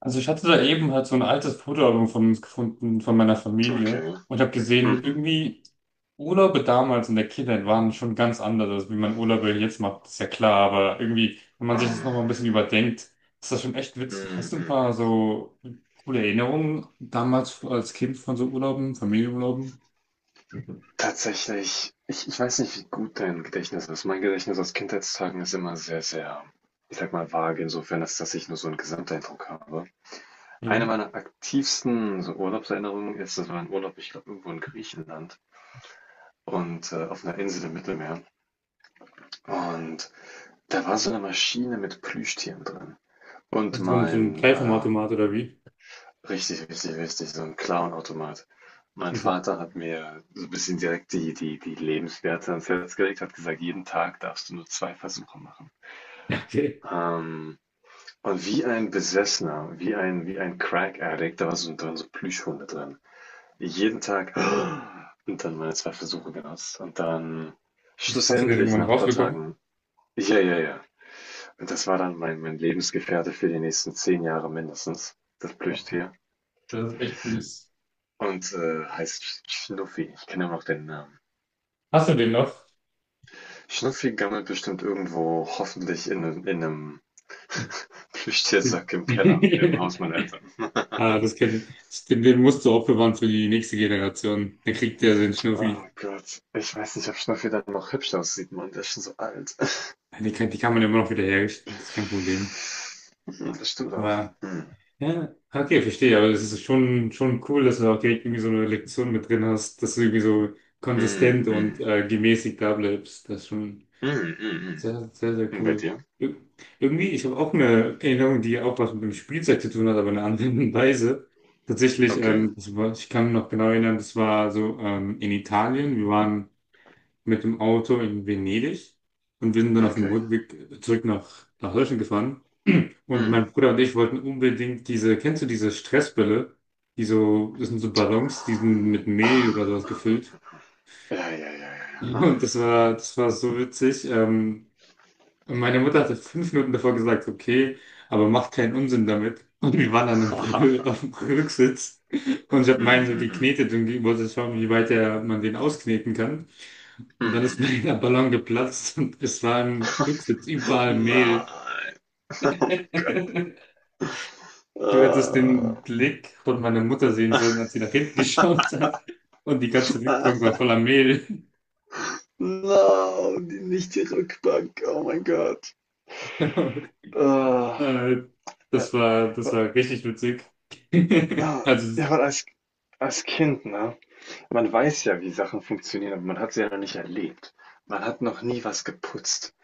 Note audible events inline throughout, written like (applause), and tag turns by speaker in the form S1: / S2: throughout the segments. S1: Also ich hatte da eben halt so ein altes Fotoalbum von uns gefunden, von meiner Familie.
S2: Okay.
S1: Und habe gesehen,
S2: Mhm.
S1: irgendwie Urlaube damals in der Kindheit waren schon ganz anders, als wie man Urlaube jetzt macht, ist ja klar. Aber irgendwie, wenn man sich das
S2: Ah.
S1: nochmal ein bisschen überdenkt, ist das schon echt witzig.
S2: Mhm.
S1: Hast du ein
S2: Mhm.
S1: paar so coole Erinnerungen damals als Kind von so Urlauben, Familienurlauben?
S2: Tatsächlich, ich weiß nicht, wie gut dein Gedächtnis ist. Mein Gedächtnis aus Kindheitstagen ist immer sehr, sehr, ich sag mal, vage, insofern, als dass ich nur so einen Gesamteindruck habe. Eine
S1: Mhm.
S2: meiner aktivsten so Urlaubserinnerungen ist, das war ein Urlaub, ich glaube, irgendwo in Griechenland und auf einer Insel im Mittelmeer. Und da war so eine Maschine mit Plüschtieren drin. Und
S1: Also so ein
S2: mein
S1: Kleinformatomat oder wie?
S2: richtig, richtig, richtig, so 'n Clownautomat. Mein
S1: Okay. (laughs)
S2: Vater hat mir so ein bisschen direkt die Lebenswerte ans Herz gelegt, hat gesagt: „Jeden Tag darfst du nur 2 Versuche machen.“
S1: Ja, okay.
S2: Ähm, und wie ein Besessener, wie ein Crack Addict, da war so dann so Plüschhunde drin. Jeden Tag (gasps) und dann meine 2 Versuche genutzt und dann
S1: Das hast du dir
S2: schlussendlich
S1: irgendwann
S2: nach ein paar
S1: rausbekommen?
S2: Tagen ja, ja, ja. Und das war dann mein Lebensgefährte für die nächsten 10 Jahre mindestens, das
S1: Okay.
S2: Plüschtier.
S1: Das ist echt süß.
S2: Und heißt Schnuffi. Ich kenne immer noch den Namen.
S1: Hast du den noch?
S2: Schnuffi gammelt bestimmt irgendwo, hoffentlich in einem Plüschtiersack im Keller, im Haus
S1: (laughs)
S2: meiner Eltern.
S1: Ah, das kennt, das- den, den musst du aufbewahren für die nächste Generation. Dann kriegt der seinen
S2: Oh
S1: Schnuffi.
S2: Gott. Ich weiß nicht, ob Schnuffi dann noch hübsch aussieht, Mann. Der ist schon so alt.
S1: Ja, die kann man immer noch wieder herrichten, das ist kein Problem.
S2: Hm, das stimmt auch.
S1: Aber,
S2: Hm.
S1: ja, okay, verstehe. Aber es ist schon cool, dass du auch direkt irgendwie so eine Lektion mit drin hast, dass du irgendwie so konsistent
S2: Hm,
S1: und
S2: hm.
S1: gemäßigt da bleibst. Das ist schon
S2: Hm, hm, hm.
S1: sehr, sehr, sehr
S2: Und bei
S1: cool.
S2: dir?
S1: Ir- Irgendwie, ich habe auch eine Erinnerung, die auch was mit dem Spielzeug zu tun hat, aber in einer anderen (laughs) Weise. Tatsächlich,
S2: Okay,
S1: das war, ich kann mich noch genau erinnern, das war so in Italien. Wir waren mit dem Auto in Venedig und wir sind dann auf dem
S2: okay.
S1: Rückweg zurück nach Deutschland gefahren. Und mein
S2: Hm.
S1: Bruder und ich wollten unbedingt diese, kennst du diese Stressbälle? Die so, das sind so Ballons, die sind mit Mehl oder
S2: Ah, ah,
S1: sowas
S2: ah.
S1: gefüllt.
S2: Ja, ja, ja, ja,
S1: (laughs)
S2: ja.
S1: Und
S2: Ah.
S1: das war so witzig. Und meine Mutter hatte 5 Minuten davor gesagt, okay, aber macht keinen Unsinn damit. Und wir waren dann im, (laughs) auf
S2: (laughs)
S1: dem Rücksitz und ich habe meinen
S2: Hm,
S1: so
S2: hm, hm.
S1: geknetet und wollte schauen, man den auskneten kann.
S2: Hm,
S1: Und dann
S2: hm,
S1: ist mir
S2: hm.
S1: (laughs) der Ballon geplatzt und es war im Rücksitz überall Mehl.
S2: Nein. (laughs) Oh mein Gott.
S1: (laughs) Du hättest
S2: Ah,
S1: den Blick von meiner Mutter sehen sollen, als sie nach hinten (laughs) geschaut hat. Und die ganze
S2: ah,
S1: Rückbank war voller Mehl. (laughs)
S2: no, die, nicht die Rückbank. Oh mein Gott. Ah,
S1: Äh,
S2: ja,
S1: Das war richtig witzig. (laughs)
S2: ah,
S1: Also,
S2: ja, weil als Kind, ne? Man weiß ja, wie Sachen funktionieren, aber man hat sie ja noch nicht erlebt. Man hat noch nie was geputzt.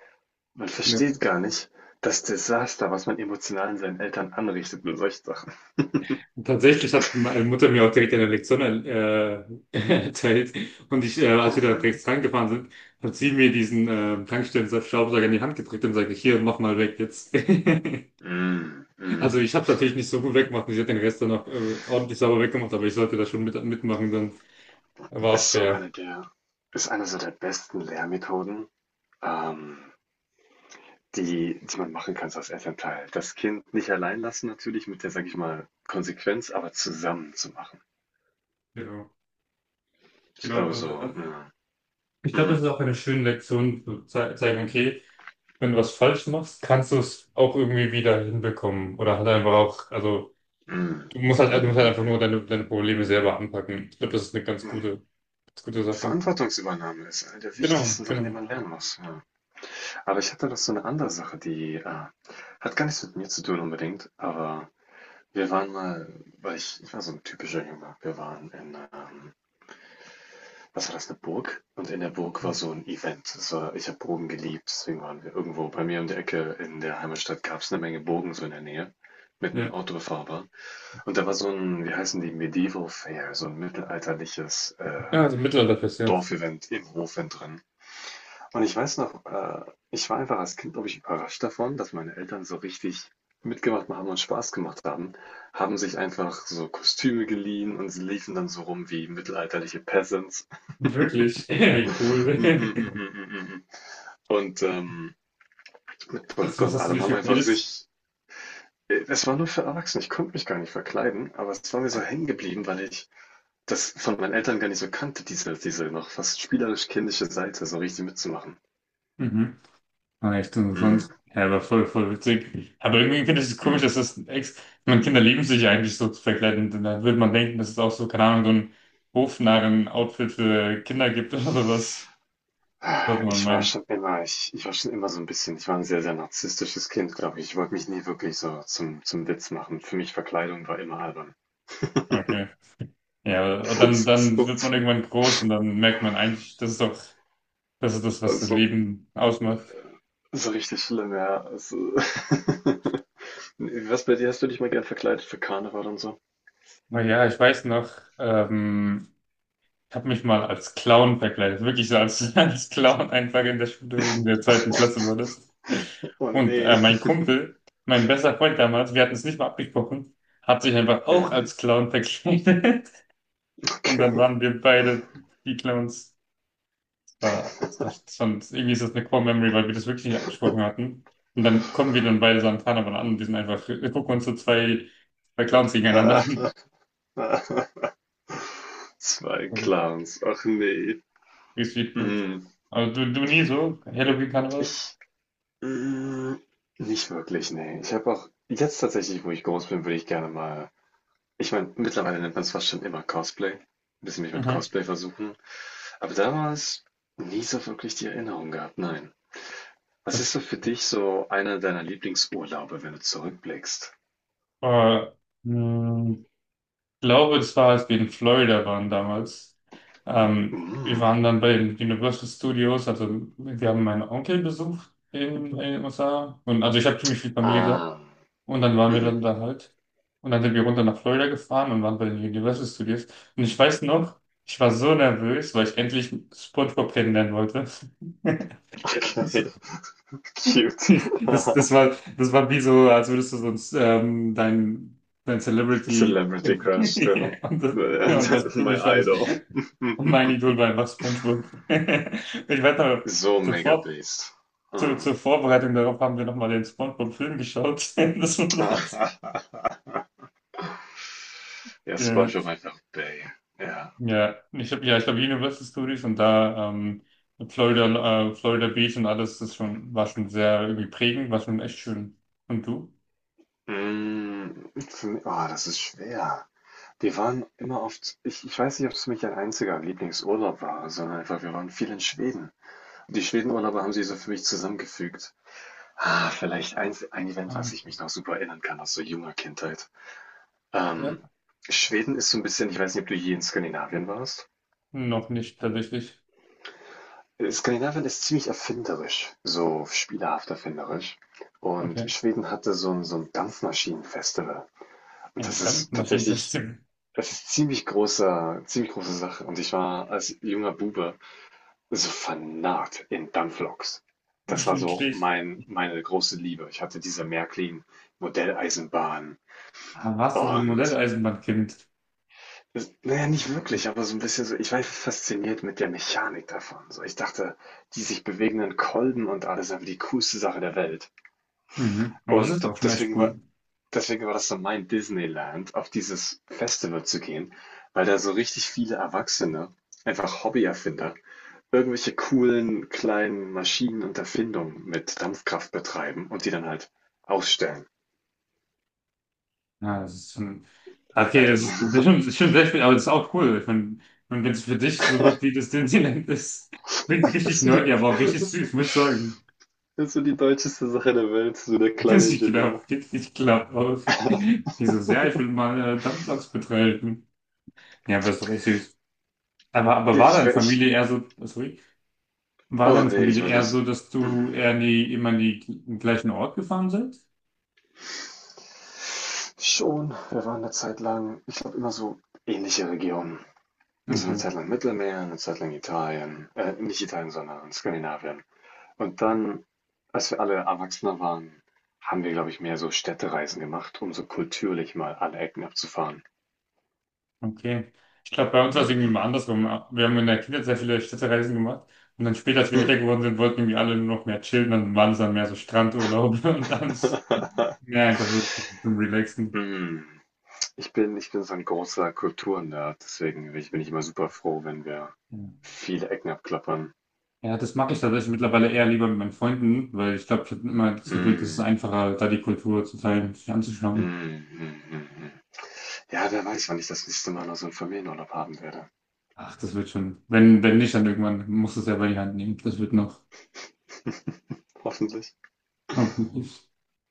S2: Man
S1: ne.
S2: versteht gar nicht das Desaster, was man emotional in seinen Eltern anrichtet mit solchen Sachen.
S1: Tatsächlich hat meine Mutter mir auch direkt eine Lektion (laughs) erzählt. Und als wir da
S2: Mhm.
S1: direkt rangefahren sind, hat sie mir diesen Tankstellen-Staubsauger in die Hand gedrückt und sagte, hier, mach mal weg jetzt. (laughs)
S2: Mm,
S1: Also
S2: mm.
S1: ich habe es natürlich nicht so gut weggemacht und sie hat den Rest dann auch ordentlich sauber weggemacht, aber ich sollte da schon mitmachen, dann war auch
S2: Ist so
S1: fair.
S2: eine der, ist eine so der besten Lehrmethoden. Ähm, Die die man machen kann so als Elternteil. Das Kind nicht allein lassen natürlich mit der, sage ich mal, Konsequenz, aber zusammen zu machen.
S1: Genau.
S2: Ich
S1: Genau.
S2: glaube
S1: Und,
S2: so, ja.
S1: ich glaube, das ist
S2: Mhm.
S1: auch eine schöne Lektion, zu zeigen, okay, wenn du was falsch machst, kannst du es auch irgendwie wieder hinbekommen. Oder halt einfach auch, also
S2: Mhm.
S1: du
S2: Mhm,
S1: musst halt einfach
S2: mhm,
S1: nur deine Probleme selber anpacken. Ich glaube, das ist eine ganz
S2: mhm.
S1: ganz gute Sache.
S2: Verantwortungsübernahme ist eine der
S1: Genau,
S2: wichtigsten Sachen,
S1: genau.
S2: die man lernen muss, ja. Aber ich hatte noch so eine andere Sache, die, hat gar nichts mit mir zu tun unbedingt, aber wir waren mal weil ich war so ein typischer Junge. Wir waren in, was war das, eine Burg? Und in der Burg war so ein Event. Das war, ich habe Burgen geliebt, deswegen waren wir irgendwo bei mir um die Ecke in der Heimatstadt gab es eine Menge Burgen so in der Nähe, mit dem
S1: Ja,
S2: Auto befahrbar. Und da war so ein, wie heißen die, Medieval Fair, so ein mittelalterliches
S1: ja also Mittelalterfest, ja.
S2: Dorfevent im Hof drin. Und ich weiß noch, ich war einfach als Kind, glaube ich, überrascht davon, dass meine Eltern so richtig mitgemacht haben und Spaß gemacht haben, haben sich einfach so Kostüme geliehen und sie liefen dann so rum wie mittelalterliche Peasants. (laughs)
S1: Wirklich? (laughs) Wie
S2: Mm,
S1: cool.
S2: mm, mm,
S1: (laughs)
S2: mm, mm, mm. Und mit
S1: Also,
S2: Perücke
S1: was
S2: und
S1: hast du
S2: allem
S1: dir
S2: haben
S1: schon
S2: einfach
S1: geredet?
S2: sich. Es war nur für Erwachsene, ich konnte mich gar nicht verkleiden, aber es war mir so hängen geblieben, weil ich das von meinen Eltern gar nicht so kannte, diese, diese noch fast spielerisch kindliche Seite, so richtig mitzumachen.
S1: Mhm. Ah, echt
S2: Mm,
S1: interessant. Ja, aber voll, voll witzig. Aber irgendwie finde ich es komisch, dass
S2: mm.
S1: das ex. Man, Kinder lieben sich ja eigentlich so zu verkleiden. Und dann würde man denken, dass es auch so, keine Ahnung, so ein Hofnarren-Outfit für Kinder gibt (laughs) oder was. Sollte
S2: Ah,
S1: man
S2: ich war
S1: meinen.
S2: schon immer, ich war schon immer so ein bisschen, ich war ein sehr, sehr narzisstisches Kind, glaube ich. Ich wollte mich nie wirklich so zum, zum Witz machen. Für mich Verkleidung war immer albern.
S1: Okay. Ja, aber dann, dann wird man
S2: (laughs)
S1: irgendwann groß und dann merkt man eigentlich, das ist das,
S2: So,
S1: was das
S2: so,
S1: Leben ausmacht.
S2: so richtig schlimm, ja. Also, (laughs) was bei dir? Hast du dich mal gern verkleidet für Karneval und so?
S1: Naja, ich weiß noch, ähm, ich habe mich mal als Clown verkleidet, wirklich so (laughs) als Clown einfach in der Schule in der zweiten Klasse war
S2: (laughs)
S1: das.
S2: Oh
S1: Und
S2: nee.
S1: mein Kumpel, mein bester Freund damals, wir hatten es nicht mal abgesprochen, hat sich einfach auch
S2: Mhm.
S1: als Clown verkleidet. (laughs) Und dann
S2: Okay. (laughs)
S1: waren wir beide die Clowns. Das war schon, irgendwie ist das eine Core Memory, weil wir das wirklich nicht abgesprochen hatten. Und dann kommen wir dann beide so an Karneval an und wir sind einfach, wir gucken uns so zwei Clowns gegeneinander
S2: Ah,
S1: an. (laughs)
S2: ah, zwei
S1: Das ist
S2: Clans. Ach nee.
S1: richtig gut.
S2: Mhm.
S1: Aber du nie so? Halloween-Karneval?
S2: Ich. Mhm. Nicht wirklich, nee. Ich habe auch jetzt tatsächlich, wo ich groß bin, würde ich gerne mal. Ich meine, mittlerweile nennt man es fast schon immer Cosplay. Ein bisschen mich mit
S1: Mhm.
S2: Cosplay versuchen. Aber damals nie so wirklich die Erinnerung gehabt, nein. Was ist so für dich so einer deiner Lieblingsurlaube, wenn du zurückblickst?
S1: Äh, mh, Ich glaube, das war, als wir in Florida waren damals. Wir
S2: Mhm.
S1: waren dann bei den Universal Studios, also wir haben meinen Onkel besucht in den USA. Und, also ich habe ziemlich viel Familie da.
S2: Ähm,
S1: Und dann waren wir dann
S2: mhm.
S1: da halt. Und dann sind wir runter nach Florida gefahren und waren bei den Universal Studios. Und ich weiß noch, ich war so nervös, weil ich endlich SpongeBob kennenlernen wollte.
S2: Okay,
S1: (laughs)
S2: (laughs) cute.
S1: Das,
S2: (laughs)
S1: das war wie so, als würdest du sonst dein Celebrity (laughs)
S2: Celebrity Crush
S1: ja,
S2: treffen.
S1: und ja, und das für
S2: My
S1: mich war das.
S2: idol.
S1: Und mein Idol war einfach SpongeBob. (laughs) Ich weiß aber,
S2: (laughs) so
S1: zur,
S2: mega
S1: Vor
S2: based.
S1: zur,
S2: Hm.
S1: zur Vorbereitung darauf haben wir nochmal den SpongeBob-Film geschaut. (laughs) Das war
S2: (laughs)
S1: so witzig.
S2: ja,
S1: Ja,
S2: SpongeBob einfach Bay. Ja.
S1: ja, ich habe ja, ich glaube Universal Studios und da Florida, Florida Beach und alles, das schon, war schon sehr irgendwie prägend, war schon echt schön. Und du?
S2: Mm, oh, das ist schwer. Wir waren immer oft, ich weiß nicht, ob es für mich ein einziger Lieblingsurlaub war, sondern einfach, wir waren viel in Schweden. Die Schwedenurlaube haben sie so für mich zusammengefügt. Ah, vielleicht ein Event,
S1: Ah,
S2: was ich mich noch super erinnern kann aus so junger Kindheit. Ähm,
S1: ja,
S2: Schweden ist so ein bisschen ich weiß nicht, ob du je in Skandinavien warst?
S1: noch nicht tatsächlich.
S2: Skandinavien ist ziemlich erfinderisch, so spielerhaft erfinderisch. Und
S1: Okay.
S2: Schweden hatte so ein Dampfmaschinenfestival. Und das
S1: Ein
S2: ist tatsächlich
S1: Dampfmaschinensystem
S2: das ist ziemlich große Sache. Und ich war als junger Bube so vernarrt in Dampfloks.
S1: (laughs)
S2: Das war so
S1: Wirklich.
S2: meine große Liebe. Ich hatte diese Märklin-Modelleisenbahn
S1: Ah, warst du so ein
S2: und
S1: Modelleisenbahnkind?
S2: das, naja, nicht wirklich, aber so ein bisschen so, ich war fasziniert mit der Mechanik davon. So, ich dachte, die sich bewegenden Kolben und alles sind die coolste Sache der Welt.
S1: Mhm. Aber es ist
S2: Und
S1: auch schon echt cool.
S2: deswegen war das so mein Disneyland, auf dieses Festival zu gehen, weil da so richtig viele Erwachsene, einfach Hobbyerfinder, irgendwelche coolen kleinen Maschinen und Erfindungen mit Dampfkraft betreiben und die dann halt ausstellen.
S1: Ja, das ist schon. Okay, es ist,
S2: Also, (laughs)
S1: das ist schon sehr viel, aber das ist auch cool. Ich meine, und wenn es für dich sowas wie das Disneyland ist, klingt
S2: das
S1: richtig
S2: ist so die,
S1: nerdy, aber auch
S2: das
S1: richtig
S2: ist so
S1: süß, muss ich sagen.
S2: das ist so die deutscheste Sache der Welt, so der
S1: (laughs)
S2: kleine Ingenieur.
S1: Ich glaube auch. Dieses, ja, ich will mal Dampfloks betreiben. Ja, aber ist doch echt süß. Aber, aber
S2: Nee,
S1: war
S2: ich,
S1: deine Familie eher so, sorry, War
S2: oh
S1: deine
S2: nee, ich
S1: Familie
S2: weiß
S1: eher so,
S2: das.
S1: dass
S2: Hm.
S1: du eher in immer in die, den gleichen Ort gefahren seid?
S2: Schon, wir waren eine Zeit lang, ich glaube immer so ähnliche Regionen. So eine
S1: Okay.
S2: Zeit lang Mittelmeer, eine Zeit lang Italien, nicht Italien, sondern Skandinavien. Und dann, als wir alle Erwachsener waren, haben wir, glaube ich, mehr so Städtereisen gemacht, um so kulturlich mal alle Ecken abzufahren.
S1: Okay. Ich glaube, bei uns war es irgendwie
S2: Mhm.
S1: mal andersrum. Wir haben in der Kindheit sehr viele Städtereisen gemacht und dann später, als
S2: (laughs)
S1: wir älter
S2: Hm.
S1: geworden sind, wollten irgendwie alle nur noch mehr chillen, dann waren es dann mehr so Strandurlaube (laughs) und dann mehr einfach so zum Relaxen.
S2: Hm. Ich bin so ein großer Kulturnerd, deswegen bin ich immer super froh, wenn wir
S1: Ja,
S2: viele Ecken abklappern.
S1: ja, das mag ich tatsächlich mittlerweile eher lieber mit meinen Freunden, weil ich glaube, ich habe immer das Gefühl, das ist
S2: Hm.
S1: einfacher, da die Kultur zu teilen, sich anzuschauen.
S2: Mhm, mhm, mhm. Ja, wer weiß, wann ich das nächste Mal noch so einen Familienurlaub haben werde.
S1: Ach, das wird schon. Wenn, wenn nicht, dann irgendwann musst du es selber in die Hand nehmen. Das wird noch.
S2: (laughs) Hoffentlich.
S1: Na gut.